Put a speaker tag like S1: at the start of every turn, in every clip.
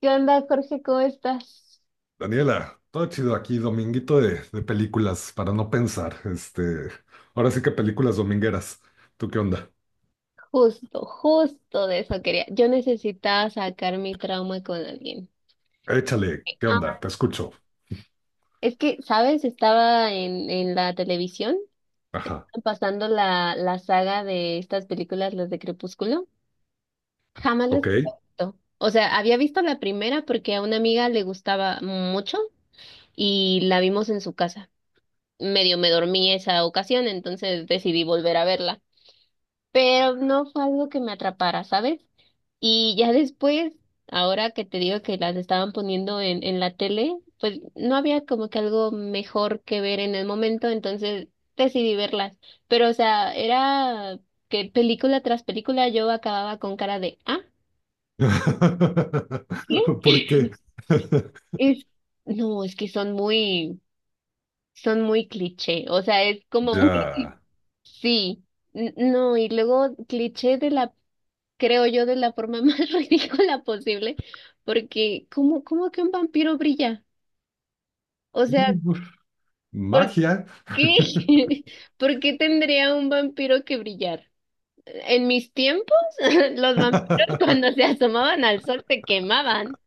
S1: ¿Qué onda, Jorge? ¿Cómo estás?
S2: Daniela, todo chido aquí, dominguito de películas para no pensar. Ahora sí que películas domingueras. ¿Tú qué onda?
S1: Justo de eso quería. Yo necesitaba sacar mi trauma con alguien.
S2: Échale, ¿qué
S1: Ah,
S2: onda? Te escucho.
S1: es que, ¿sabes? Estaba en la televisión
S2: Ajá,
S1: pasando la saga de estas películas, las de Crepúsculo. Jamás les
S2: ok.
S1: había visto. O sea, había visto la primera porque a una amiga le gustaba mucho y la vimos en su casa. Medio me dormí esa ocasión, entonces decidí volver a verla. Pero no fue algo que me atrapara, ¿sabes? Y ya después, ahora que te digo que las estaban poniendo en la tele, pues no había como que algo mejor que ver en el momento, entonces decidí verlas. Pero, o sea, era que película tras película yo acababa con cara de, ah, ¿qué?
S2: ¿Por qué?
S1: Es, no, es que son son muy cliché, o sea, es como
S2: Ya.
S1: muy, sí, no, y luego cliché de la, creo yo, de la forma más ridícula posible, porque ¿cómo, cómo que un vampiro brilla? O sea, ¿por
S2: Magia.
S1: qué? ¿Por qué tendría un vampiro que brillar? En mis tiempos, los vampiros cuando se asomaban al sol se quemaban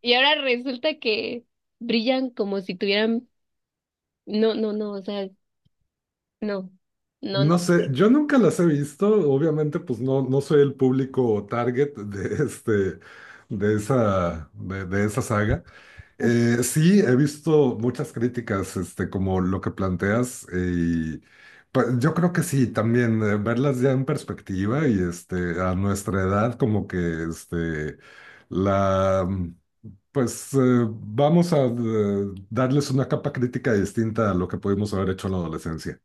S1: y ahora resulta que brillan como si tuvieran... No, no, no, o sea, no, no, no.
S2: No sé, yo nunca las he visto, obviamente pues no soy el público target de este de esa saga. Sí, he visto muchas críticas, como lo que planteas, y pues, yo creo que sí, también verlas ya en perspectiva y a nuestra edad, como que este, la, mm, pues vamos a darles una capa crítica distinta a lo que pudimos haber hecho en la adolescencia.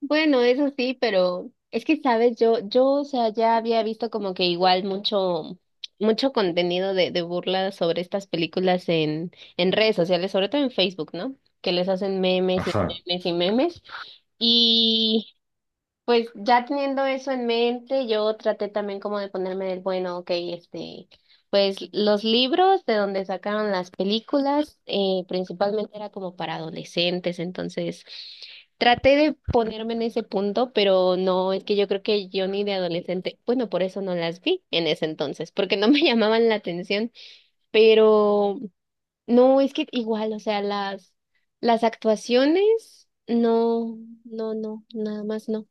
S1: Bueno, eso sí, pero es que, sabes, yo, o sea, ya había visto como que igual mucho contenido de burla sobre estas películas en redes sociales, sobre todo en Facebook, ¿no? Que les hacen memes y
S2: Ajá.
S1: memes y memes. Pues ya teniendo eso en mente, yo traté también como de ponerme del bueno, ok, este, pues los libros de donde sacaron las películas, principalmente era como para adolescentes, entonces traté de ponerme en ese punto, pero no, es que yo creo que yo ni de adolescente, bueno, por eso no las vi en ese entonces, porque no me llamaban la atención, pero no, es que igual, o sea, las actuaciones, no, no, no, nada más no.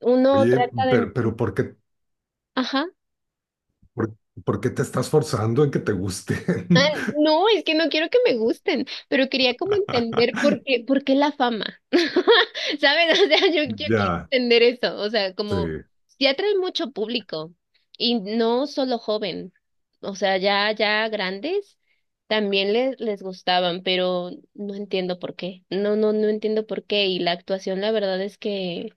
S1: Uno
S2: Oye,
S1: trata de...
S2: pero
S1: Ajá.
S2: por, por qué te estás forzando en que te gusten?
S1: No, es que no quiero que me gusten, pero quería como entender por qué la fama. ¿Sabes? O sea, yo quiero
S2: Ya,
S1: entender eso. O sea,
S2: sí.
S1: como si atrae mucho público y no solo joven. O sea, ya grandes también les gustaban, pero no entiendo por qué. No, no, no entiendo por qué. Y la actuación, la verdad es que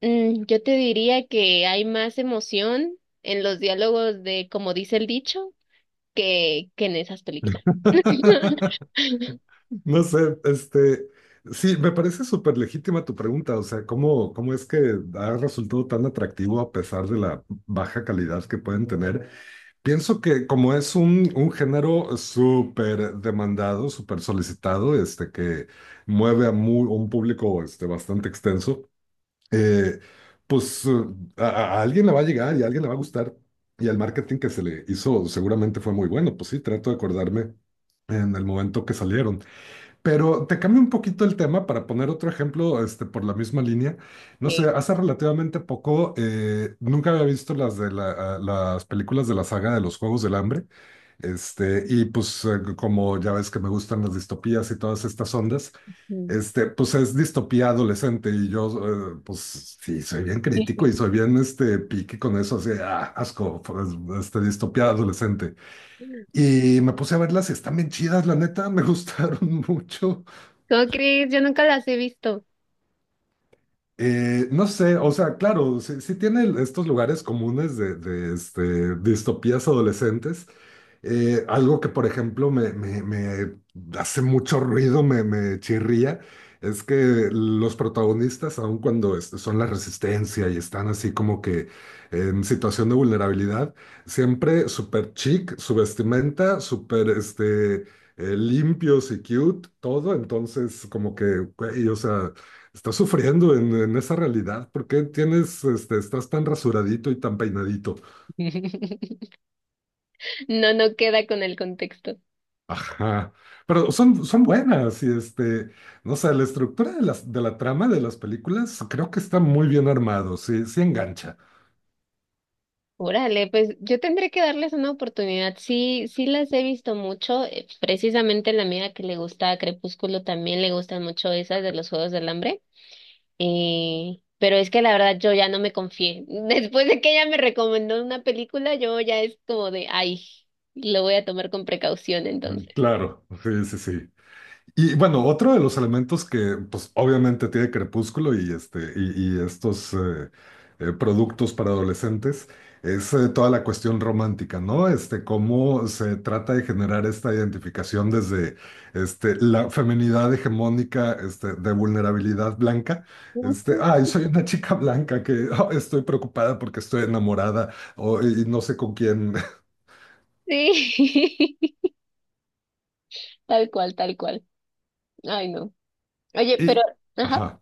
S1: mm, yo te diría que hay más emoción en los diálogos de como dice el dicho que en esas películas.
S2: No sé, sí, me parece súper legítima tu pregunta, o sea, ¿cómo es que ha resultado tan atractivo a pesar de la baja calidad que pueden tener? Pienso que como es un género súper demandado, súper solicitado, que mueve a un público, bastante extenso, eh, pues eh, a, a alguien le va a llegar y a alguien le va a gustar. Y el marketing que se le hizo seguramente fue muy bueno, pues sí, trato de acordarme en el momento que salieron. Pero te cambio un poquito el tema para poner otro ejemplo, por la misma línea. No
S1: Sí.
S2: sé, hace relativamente poco, nunca había visto las películas de la saga de los Juegos del Hambre. Y pues, como ya ves que me gustan las distopías y todas estas ondas,
S1: Mm.
S2: pues es distopía adolescente y yo, pues sí, soy bien crítico y soy bien, pique con eso, así, asco, pues, distopía adolescente. Y me puse a verlas y están bien chidas, la neta, me gustaron mucho.
S1: ¿Cómo crees? Yo nunca las he visto.
S2: No sé, o sea, claro, sí, sí tiene estos lugares comunes de distopías adolescentes. Algo que, por ejemplo, me hace mucho ruido, me chirría, es que los protagonistas, aun cuando son la resistencia y están así como que en situación de vulnerabilidad, siempre súper chic, su vestimenta, súper limpios y cute, todo. Entonces, como que, güey, o sea. Estás sufriendo en esa realidad. ¿Por qué estás tan rasuradito y tan peinadito?
S1: No, no queda con el contexto.
S2: Ajá. Pero son buenas y no sé, la estructura de la trama de las películas creo que está muy bien armado. Sí, sí engancha.
S1: Órale, pues yo tendré que darles una oportunidad. Sí, sí las he visto mucho. Precisamente la amiga que le gusta Crepúsculo también le gustan mucho esas de los Juegos del Hambre. Pero es que la verdad yo ya no me confié. Después de que ella me recomendó una película, yo ya es como de, ay, lo voy a tomar con precaución
S2: Mm,
S1: entonces.
S2: claro, sí, sí, sí. Y bueno, otro de los elementos que, pues, obviamente tiene Crepúsculo y estos productos para adolescentes es toda la cuestión romántica, ¿no? Cómo se trata de generar esta identificación desde la feminidad hegemónica, de vulnerabilidad blanca. Este,
S1: Ujú.
S2: ay, soy una chica blanca que estoy preocupada porque estoy enamorada y no sé con quién.
S1: Sí, tal cual, tal cual. Ay, no. Oye, pero,
S2: Y,
S1: ajá,
S2: ajá,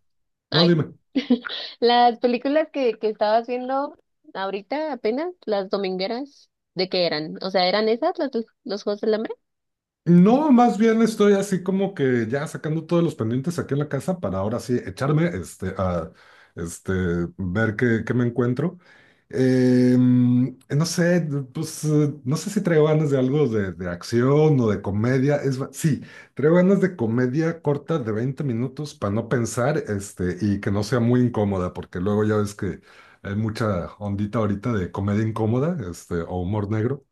S2: no,
S1: ay.
S2: dime.
S1: Las películas que estabas viendo ahorita apenas, las domingueras, ¿de qué eran? O sea, ¿eran esas las, los Juegos del Hambre?
S2: No, más bien estoy así como que ya sacando todos los pendientes aquí en la casa para ahora sí echarme a este, ver qué me encuentro. No sé, pues no sé si traigo ganas de algo de acción o de comedia. Sí, traigo ganas de comedia corta de 20 minutos para no pensar y que no sea muy incómoda, porque luego ya ves que hay mucha ondita ahorita de comedia incómoda o humor negro.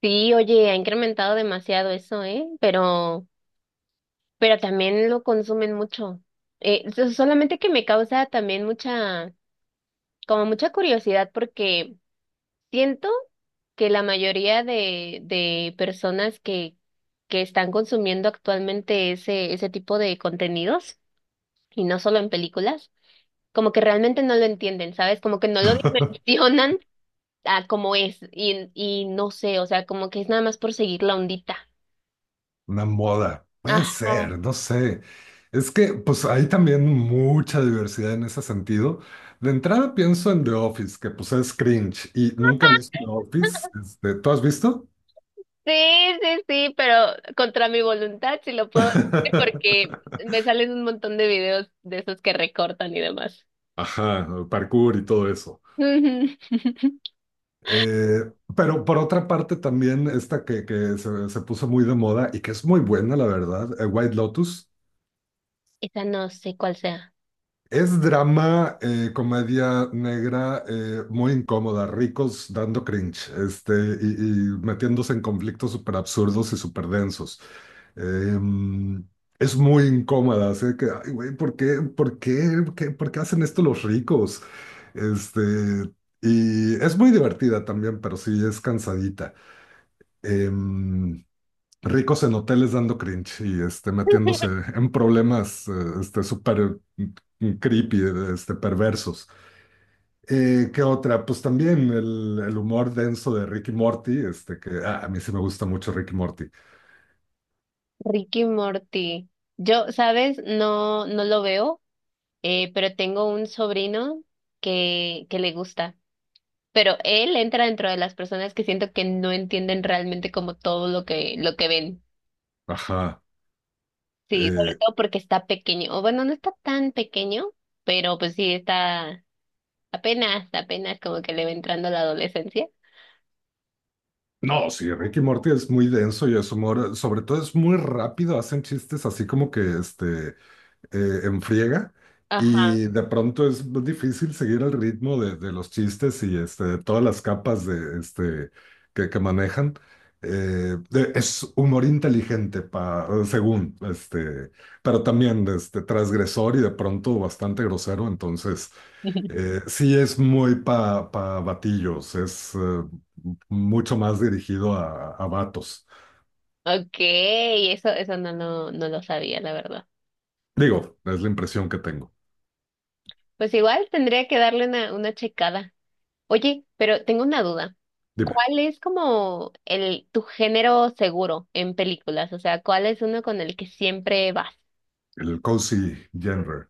S1: Sí, oye, ha incrementado demasiado eso, ¿eh? Pero también lo consumen mucho. Solamente que me causa también como mucha curiosidad porque siento que la mayoría de personas que están consumiendo actualmente ese tipo de contenidos, y no solo en películas, como que realmente no lo entienden, ¿sabes? Como que no lo dimensionan a como es, y no sé, o sea, como que es nada más por seguir la ondita.
S2: Una moda. Puede
S1: Ajá.
S2: ser, no sé. Es que pues hay también mucha diversidad en ese sentido. De entrada pienso en The Office, que pues es cringe y nunca he visto The Office. ¿Tú has visto?
S1: Sí, sí, sí, pero contra mi voluntad sí lo puedo hacer porque me salen un montón de videos de esos que recortan y demás.
S2: Ajá, parkour y todo eso.
S1: Ujú.
S2: Pero por otra parte también esta que se puso muy de moda y que es muy buena, la verdad, White Lotus.
S1: Esa no sé cuál sea.
S2: Es drama, comedia negra, muy incómoda, ricos dando cringe, y, y metiéndose en conflictos súper absurdos y súper densos. Em, es muy incómoda, así que, ay, güey, ¿por qué hacen esto los ricos? Este, y es muy divertida también, pero sí es cansadita. Em, ricos en hoteles dando cringe y metiéndose en problemas súper creepy, perversos. ¿Qué otra? Pues también el humor denso de Ricky Morty, que a mí sí me gusta mucho Ricky Morty.
S1: Ricky Morty. Yo, ¿sabes? No, no lo veo, pero tengo un sobrino que le gusta. Pero él entra dentro de las personas que siento que no entienden realmente como todo lo que ven.
S2: Ajá.
S1: Sí, sobre
S2: Eh,
S1: todo porque está pequeño. O bueno, no está tan pequeño, pero pues sí está. Apenas como que le va entrando la adolescencia.
S2: no, sí, Ricky Morty es muy denso y es humor, sobre todo es muy rápido, hacen chistes así como que en friega
S1: Ajá.
S2: y de pronto es difícil seguir el ritmo de los chistes y de todas las capas de que manejan. Es humor inteligente, según, pero también transgresor y de pronto bastante grosero, entonces sí es muy pa batillos, es mucho más dirigido a vatos.
S1: Okay, eso no lo, no lo sabía, la verdad.
S2: Digo, es la impresión que tengo.
S1: Pues igual tendría que darle una checada. Oye, pero tengo una duda.
S2: Dime.
S1: ¿Cuál es como el tu género seguro en películas? O sea, ¿cuál es uno con el que siempre vas?
S2: El cozy genre.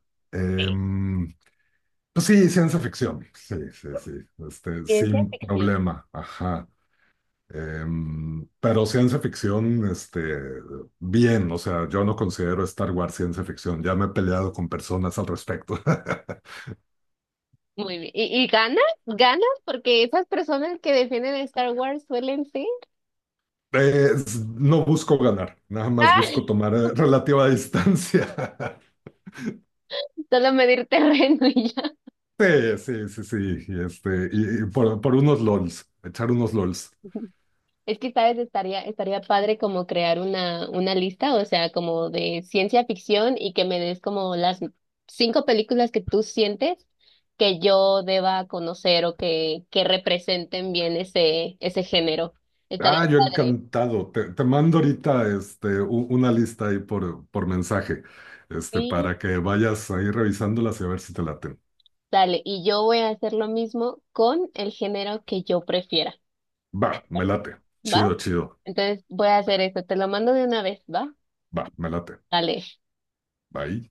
S1: Sí.
S2: Em, pues sí, ciencia ficción. Sí, sí, sí. Este,
S1: Ciencia
S2: sin
S1: ficción.
S2: problema. Ajá. Pero ciencia ficción, bien. O sea, yo no considero Star Wars ciencia ficción. Ya me he peleado con personas al respecto.
S1: Muy bien. Y ganas? ¿Ganas? Porque esas personas que defienden a Star Wars suelen ser.
S2: No busco ganar, nada más busco
S1: Ah,
S2: tomar relativa distancia.
S1: solo medir terreno y
S2: Sí, sí, sí, sí. Y por unos LOLs, echar unos LOLs.
S1: es que, ¿sabes? Estaría padre como crear una lista, o sea, como de ciencia ficción y que me des como las 5 películas que tú sientes que yo deba conocer o que representen bien ese género. Estaría
S2: Yo
S1: padre.
S2: encantado. Te mando ahorita una lista ahí por mensaje,
S1: Sí,
S2: para que vayas ahí revisándolas y a ver si te laten.
S1: dale. Y yo voy a hacer lo mismo con el género que yo prefiera.
S2: Va, me late.
S1: ¿Va?
S2: Chido, chido.
S1: Entonces voy a hacer esto. Te lo mando de una vez, ¿va?
S2: Va, me late.
S1: Dale.
S2: Bye.